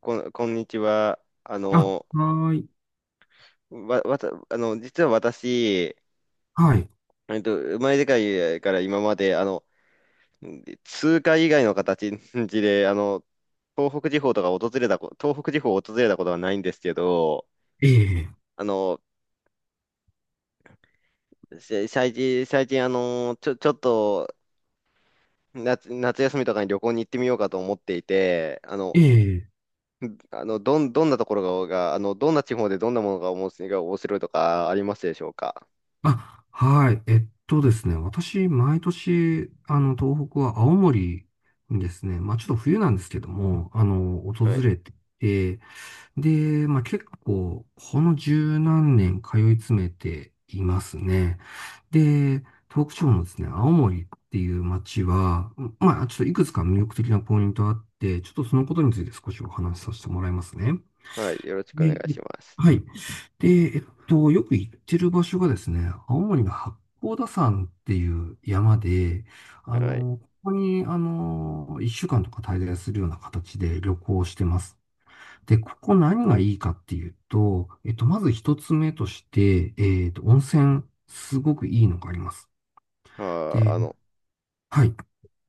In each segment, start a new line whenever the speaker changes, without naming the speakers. こんにちは。
あ、はーい。
わ、わた、あの、実は私、
はい。
生まれてから今まで、通貨以外の形で、東北地方を訪れたことはないんですけど、
ええ、
あの、せ最近、最近、ちょ、ちょっと、夏休みとかに旅行に行ってみようかと思っていて、
ええ。
どん、どんなところが、がどんな地方でどんなものが面白いが面白いとかありますでしょうか？
あ、はい。ですね。私、毎年、東北は青森にですね、まあ、ちょっと冬なんですけども、訪
はい。
れてて、で、まあ、結構、この十何年通い詰めていますね。で、東北地方のですね、青森っていう街は、まあ、ちょっといくつか魅力的なポイントあって、ちょっとそのことについて少しお話しさせてもらいますね。
はい。よろしくお願
で、
いします。
はい。で、よく行ってる場所がですね、青森の八甲田山っていう山で、
はい。
ここに、一週間とか滞在するような形で旅行してます。で、ここ何がいいかっていうと、まず一つ目として、温泉、すごくいいのがあります。
まあー、
で、
あの、
はい。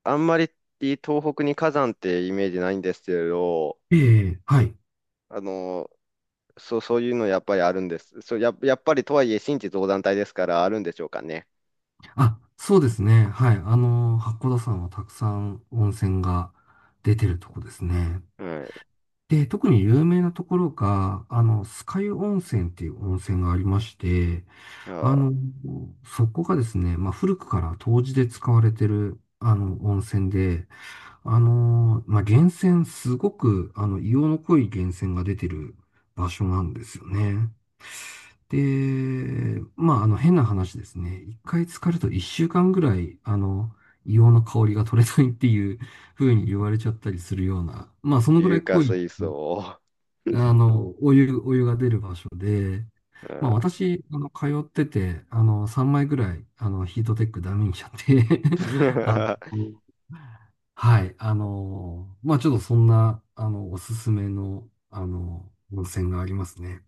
あんまり東北に火山ってイメージないんですけれど、
ええ、はい。
あの、そう、そういうのやっぱりあるんです。そう、やっぱりとはいえ新地造山帯ですからあるんでしょうかね。
あ、そうですね。はい。八甲田山はたくさん温泉が出てるとこですね。
はい。
で、特に有名なところが、酸ヶ湯温泉っていう温泉がありまして、
ま
あ
あ
の、そこがですね、まあ、古くから湯治で使われてる、温泉で、まあ、源泉、すごく、硫黄の濃い源泉が出てる場所なんですよね。で、まあ、変な話ですね。一回浸かると一週間ぐらい、硫黄の香りが取れないっていう風に言われちゃったりするような、まあ、そのぐら
ー、硫
い
化
濃い
水素。
お湯が出る場所で、
ま
まあ
あ
私、通ってて、3枚ぐらい、ヒートテックダメにしちゃって あの、
ー
はい、まあちょっとそんな、おすすめの、温泉がありますね。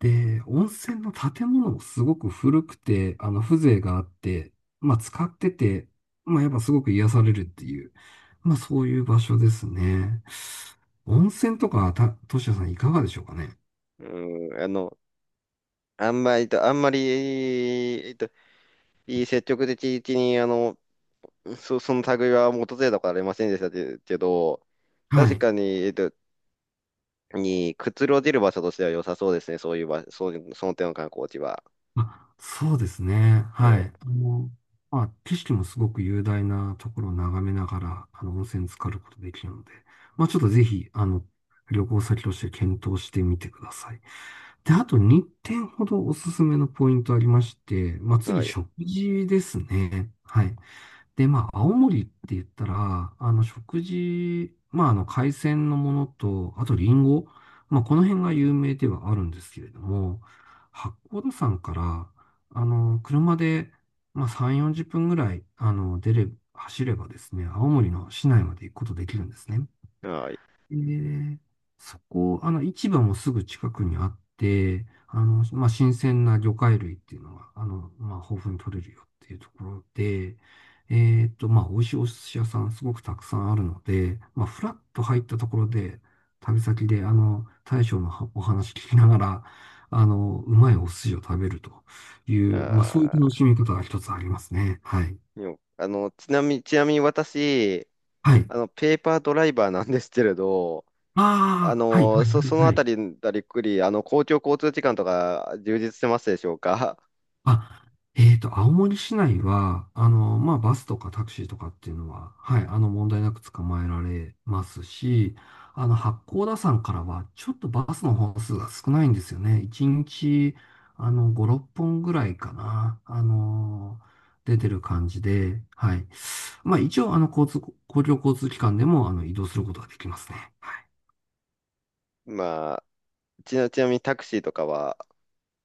で、温泉の建物もすごく古くて、風情があって、まあ使ってて、まあやっぱすごく癒されるっていう、まあそういう場所ですね。温泉とか、としやさんいかがでしょうかね？
うん、あんまりと、あんまり、えっと、いい積極的に、その類は訪れたことありませんでしたけど、
は
確
い。
かに、にくつろげる場所としては良さそうですね。そういう場、そういう、その点の観光地は。
あ、そうですね。
は
は
い。
い。まあ、景色もすごく雄大なところを眺めながら、温泉浸かることできるので、まあ、ちょっとぜひ、旅行先として検討してみてください。で、あと2点ほどおすすめのポイントありまして、まあ、
は
次、
い。
食事ですね。はい。で、まあ、青森って言ったら、食事、まあ、海鮮のものと、あと、リンゴ、まあ、この辺が有名ではあるんですけれども、八甲田山から、車で、まあ、3、40分ぐらい、走ればですね、青森の市内まで行くことできるんですね。
はい。
えーそこ、市場もすぐ近くにあって、まあ、新鮮な魚介類っていうのが、まあ、豊富に取れるよっていうところで、まあ、美味しいお寿司屋さんすごくたくさんあるので、まあ、フラッと入ったところで、旅先で、大将のはお話聞きながら、うまいお寿司を食べるという、まあ、そういう楽
あ
しみ方が一つありますね。はい。
ー、でもあの、ちなみに私、
はい。
ペーパードライバーなんですけれど、
ああ、はい、はい、はい、
その
は
あた
い。
りだりっくり、公共交通機関とか充実してますでしょうか？
あ、青森市内は、まあ、バスとかタクシーとかっていうのは、はい、問題なく捕まえられますし、八甲田山からは、ちょっとバスの本数が少ないんですよね。1日、5、6本ぐらいかな、出てる感じで、はい。まあ、一応、交通、公共交通機関でも、移動することができますね。はい。
まあ、ちなみにタクシーとかは、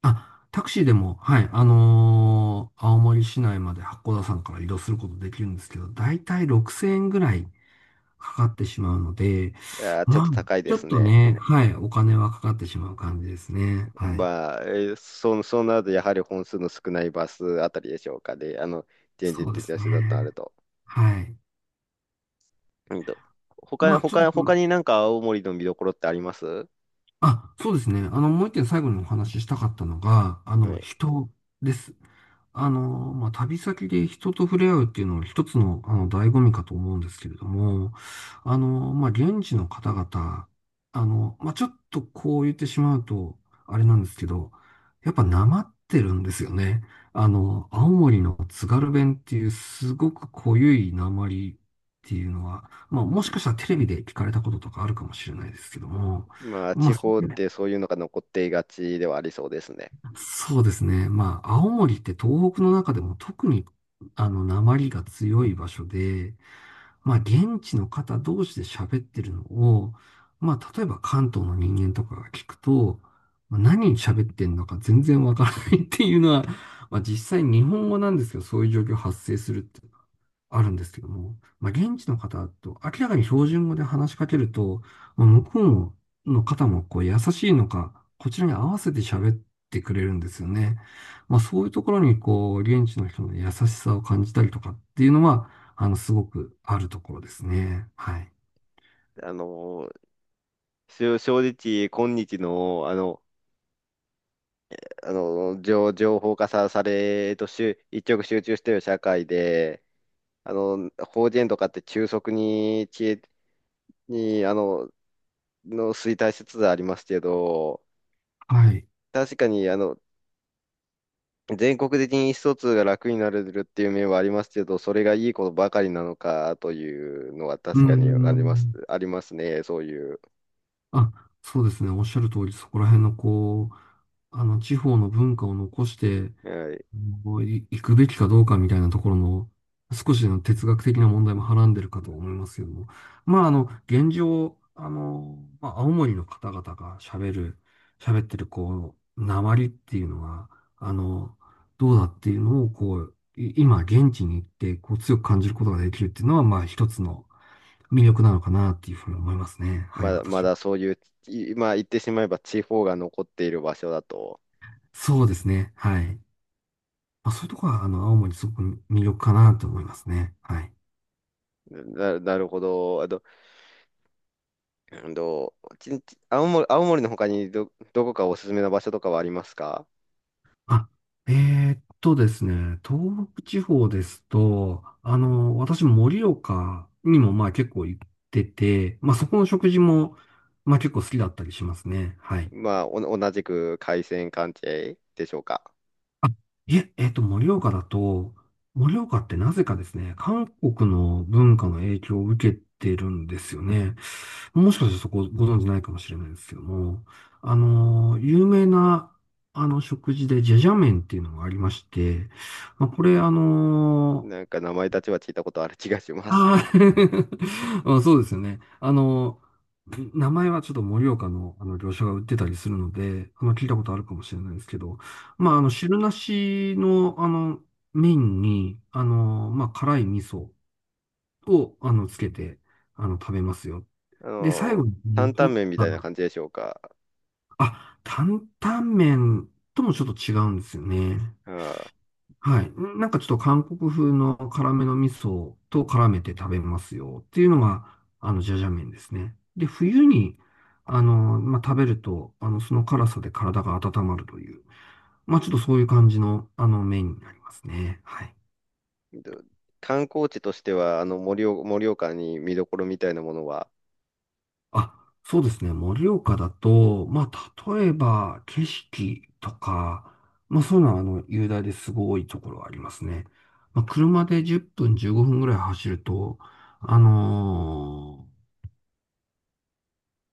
あ、タクシーでも、はい、青森市内まで八甲田山から移動することできるんですけど、だいたい6000円ぐらいかかってしまうので、
いやー、ちょっ
ま
と
あ、
高いで
ちょ
す
っと
ね。
ね、はい、お金はかかってしまう感じですね。はい。
まあ、えーそう、そうなると、やはり本数の少ないバスあたりでしょうかで、現実
そうで
的
す
な手段とある
ね。
と。
はい。
うんと、
まあ、ちょっ
他
と、
になんか青森の見どころってあります
あ、そうですね。もう一点最後にお話ししたかったのが、
はい。
人です。まあ、旅先で人と触れ合うっていうのは一つの、醍醐味かと思うんですけれども、まあ、現地の方々、まあ、ちょっとこう言ってしまうと、あれなんですけど、やっぱなまってるんですよね。青森の津軽弁っていうすごく濃ゆいなまりっていうのは、まあ、もしかしたらテレビで聞かれたこととかあるかもしれないですけども、
まあ、
ま
地
あ、
方ってそういうのが残っていがちではありそうですね。
そうですね。まあ、青森って東北の中でも特に、訛りが強い場所で、まあ、現地の方同士で喋ってるのを、まあ、例えば関東の人間とかが聞くと、まあ何喋ってんのか全然わからないっていうのは、まあ、実際日本語なんですけど、そういう状況発生するってあるんですけども、まあ、現地の方と明らかに標準語で話しかけると、まあ、向こうの方もこう優しいのか、こちらに合わせて喋ってくれるんですよね。まあ、そういうところにこう、現地の人の優しさを感じたりとかっていうのは、すごくあるところですね。はい。
あの、正直、今日の、情報化さ、され、一極集中している社会で、法人とかって急速に、知恵に、の衰退しつつありますけど、
はい。
確かに、全国的に意思疎通が楽になれるっていう面はありますけど、それがいいことばかりなのかというのは
うー
確かにあります、
ん。
ありますね、そういう。
あ、そうですね。おっしゃる通り、そこら辺のこう、地方の文化を残して、
はい、
こうい行くべきかどうかみたいなところの少しの哲学的な問題もはらんでるかと思いますけども。まあ、現状、まあ、青森の方々が喋ってる、こう、訛りっていうのは、あの、どうだっていうのを、こう、今、現地に行って、こう、強く感じることができるっていうのは、まあ、一つの魅力なのかなっていうふうに思いますね。はい、
ま
私は。
だそういう、い、まあ言ってしまえば地方が残っている場所だと。
そうですね。はい。まあ、そういうところは、青森すごく魅力かなと思いますね。はい。
なるほど。あと、うんと、ちち青森、青森の他にどこかおすすめな場所とかはありますか？
あ、ですね、東北地方ですと、私、盛岡にもまあ結構行ってて、まあそこの食事もまあ結構好きだったりしますね。はい。
まあ、お同じく海鮮関係でしょうか。
いえ、盛岡ってなぜかですね、韓国の文化の影響を受けてるんですよね。もしかしてそこご存知ないかもしれないですけども、有名な、食事でジャジャ麺っていうのがありまして、まあ、これ、
なんか名前たちは聞いたことある気がします。
あうん、そうですよね。名前はちょっと盛岡の、業者が売ってたりするので、聞いたことあるかもしれないですけど、まあ、汁なしの、麺に、まあ、辛い味噌を、つけて、食べますよ。
あ
で、最
の、
後に
担
残
々
っ
麺み
た
たいな
の、
感じでしょうか。
あ、担々麺ともちょっと違うんですよね。
は
はい。なんかちょっと韓国風の辛めの味噌と絡めて食べますよっていうのが、ジャジャ麺ですね。で、冬に、まあ、食べると、その辛さで体が温まるという、まあ、ちょっとそういう感じの、麺になりますね。はい。
い。で、観光地としては、盛岡に見どころみたいなものは？
あ、そうですね。盛岡だと、まあ、例えば、景色とか、まあ、そういうのは、雄大ですごいところはありますね。まあ、車で10分、15分ぐらい走ると、あのー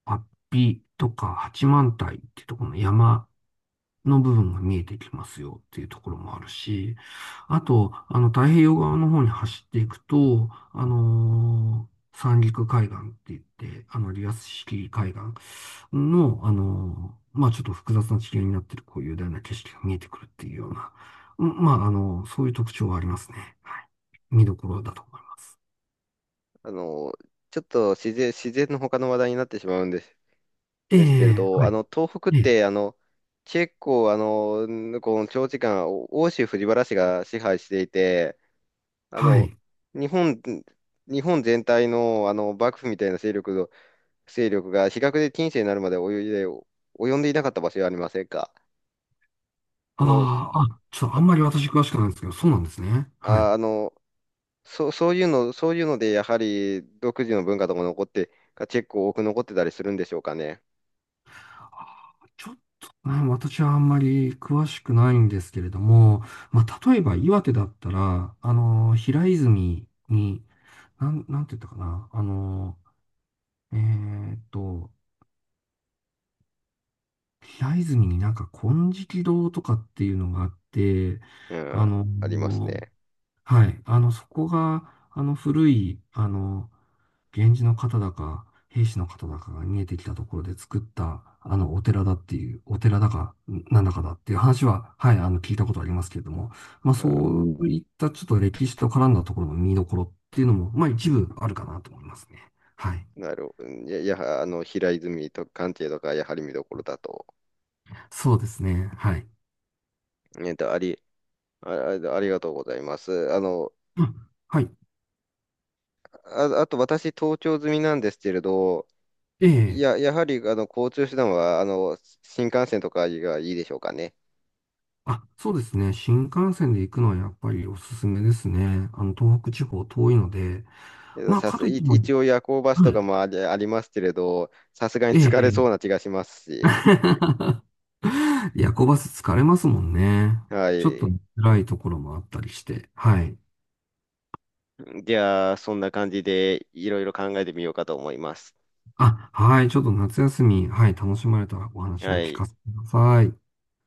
八臂とか八幡平っていうところの山の部分が見えてきますよっていうところもあるし、あと、太平洋側の方に走っていくと、三陸海岸って言って、リアス式海岸の、まあ、ちょっと複雑な地形になってる、こういう雄大な景色が見えてくるっていうような、うん、まあ、そういう特徴はありますね。はい。見どころだと思います。
あの、ちょっと自然、自然の他の話題になってしまう
え
ですけれ
え、
ど、
はい。
東北っ
ええ、
て、結構、この長時間、欧州藤原氏が支配していて、あ
は
の、
い。
日本、日本全体の、幕府みたいな勢力の、勢力が、比較で近世になるまで及んでいなかった場所はありませんか？あの、
ああ、あ、ちょっとあんまり私詳しくないんですけど、そうなんですね。はい。
あ、あの、そういうので、やはり独自の文化とか残って、が結構多く残ってたりするんでしょうかね。
あー、ちょっとね、私はあんまり詳しくないんですけれども、まあ、例えば岩手だったら、平泉に、なんて言ったかな、えーっと、平泉になんか金色堂とかっていうのがあって、
うん、
あの、
ありますね。
はい、そこが、古い、源氏の方だか、兵士の方だかが逃げてきたところで作った、お寺だっていう、お寺だか、なんだかだっていう話は、はい、聞いたことありますけれども、まあ、
う
そういったちょっと歴史と絡んだところの見どころっていうのも、まあ、一部あるかなと思いますね。はい。
ん、なるほど。あの、平泉と関係とか、やはり見どころだと。
そうですね。はい。
えっと、あり、あ、あありがとうございます。あの、
うん。はい。
あと私、東京済みなんですけれど、
え
い
え。
や、やはり、交通手段は、新幹線とかがいいでしょうかね。
あ、そうですね。新幹線で行くのはやっぱりおすすめですね。東北地方遠いので、
えっと
まあ、
さ
か
す、
といっ
い
ても、
一応夜行バス
は
と
い。
かもありますけれど、さすがに
え
疲れそうな
え。
気がしますし、
夜行バス疲れますもんね。
は
ちょっと
い。
辛いところもあったりして。はい。
じゃあ、そんな感じでいろいろ考えてみようかと思います。
あ、はい。ちょっと夏休み、はい。楽しまれたらお話を
は
聞
い。
かせてください。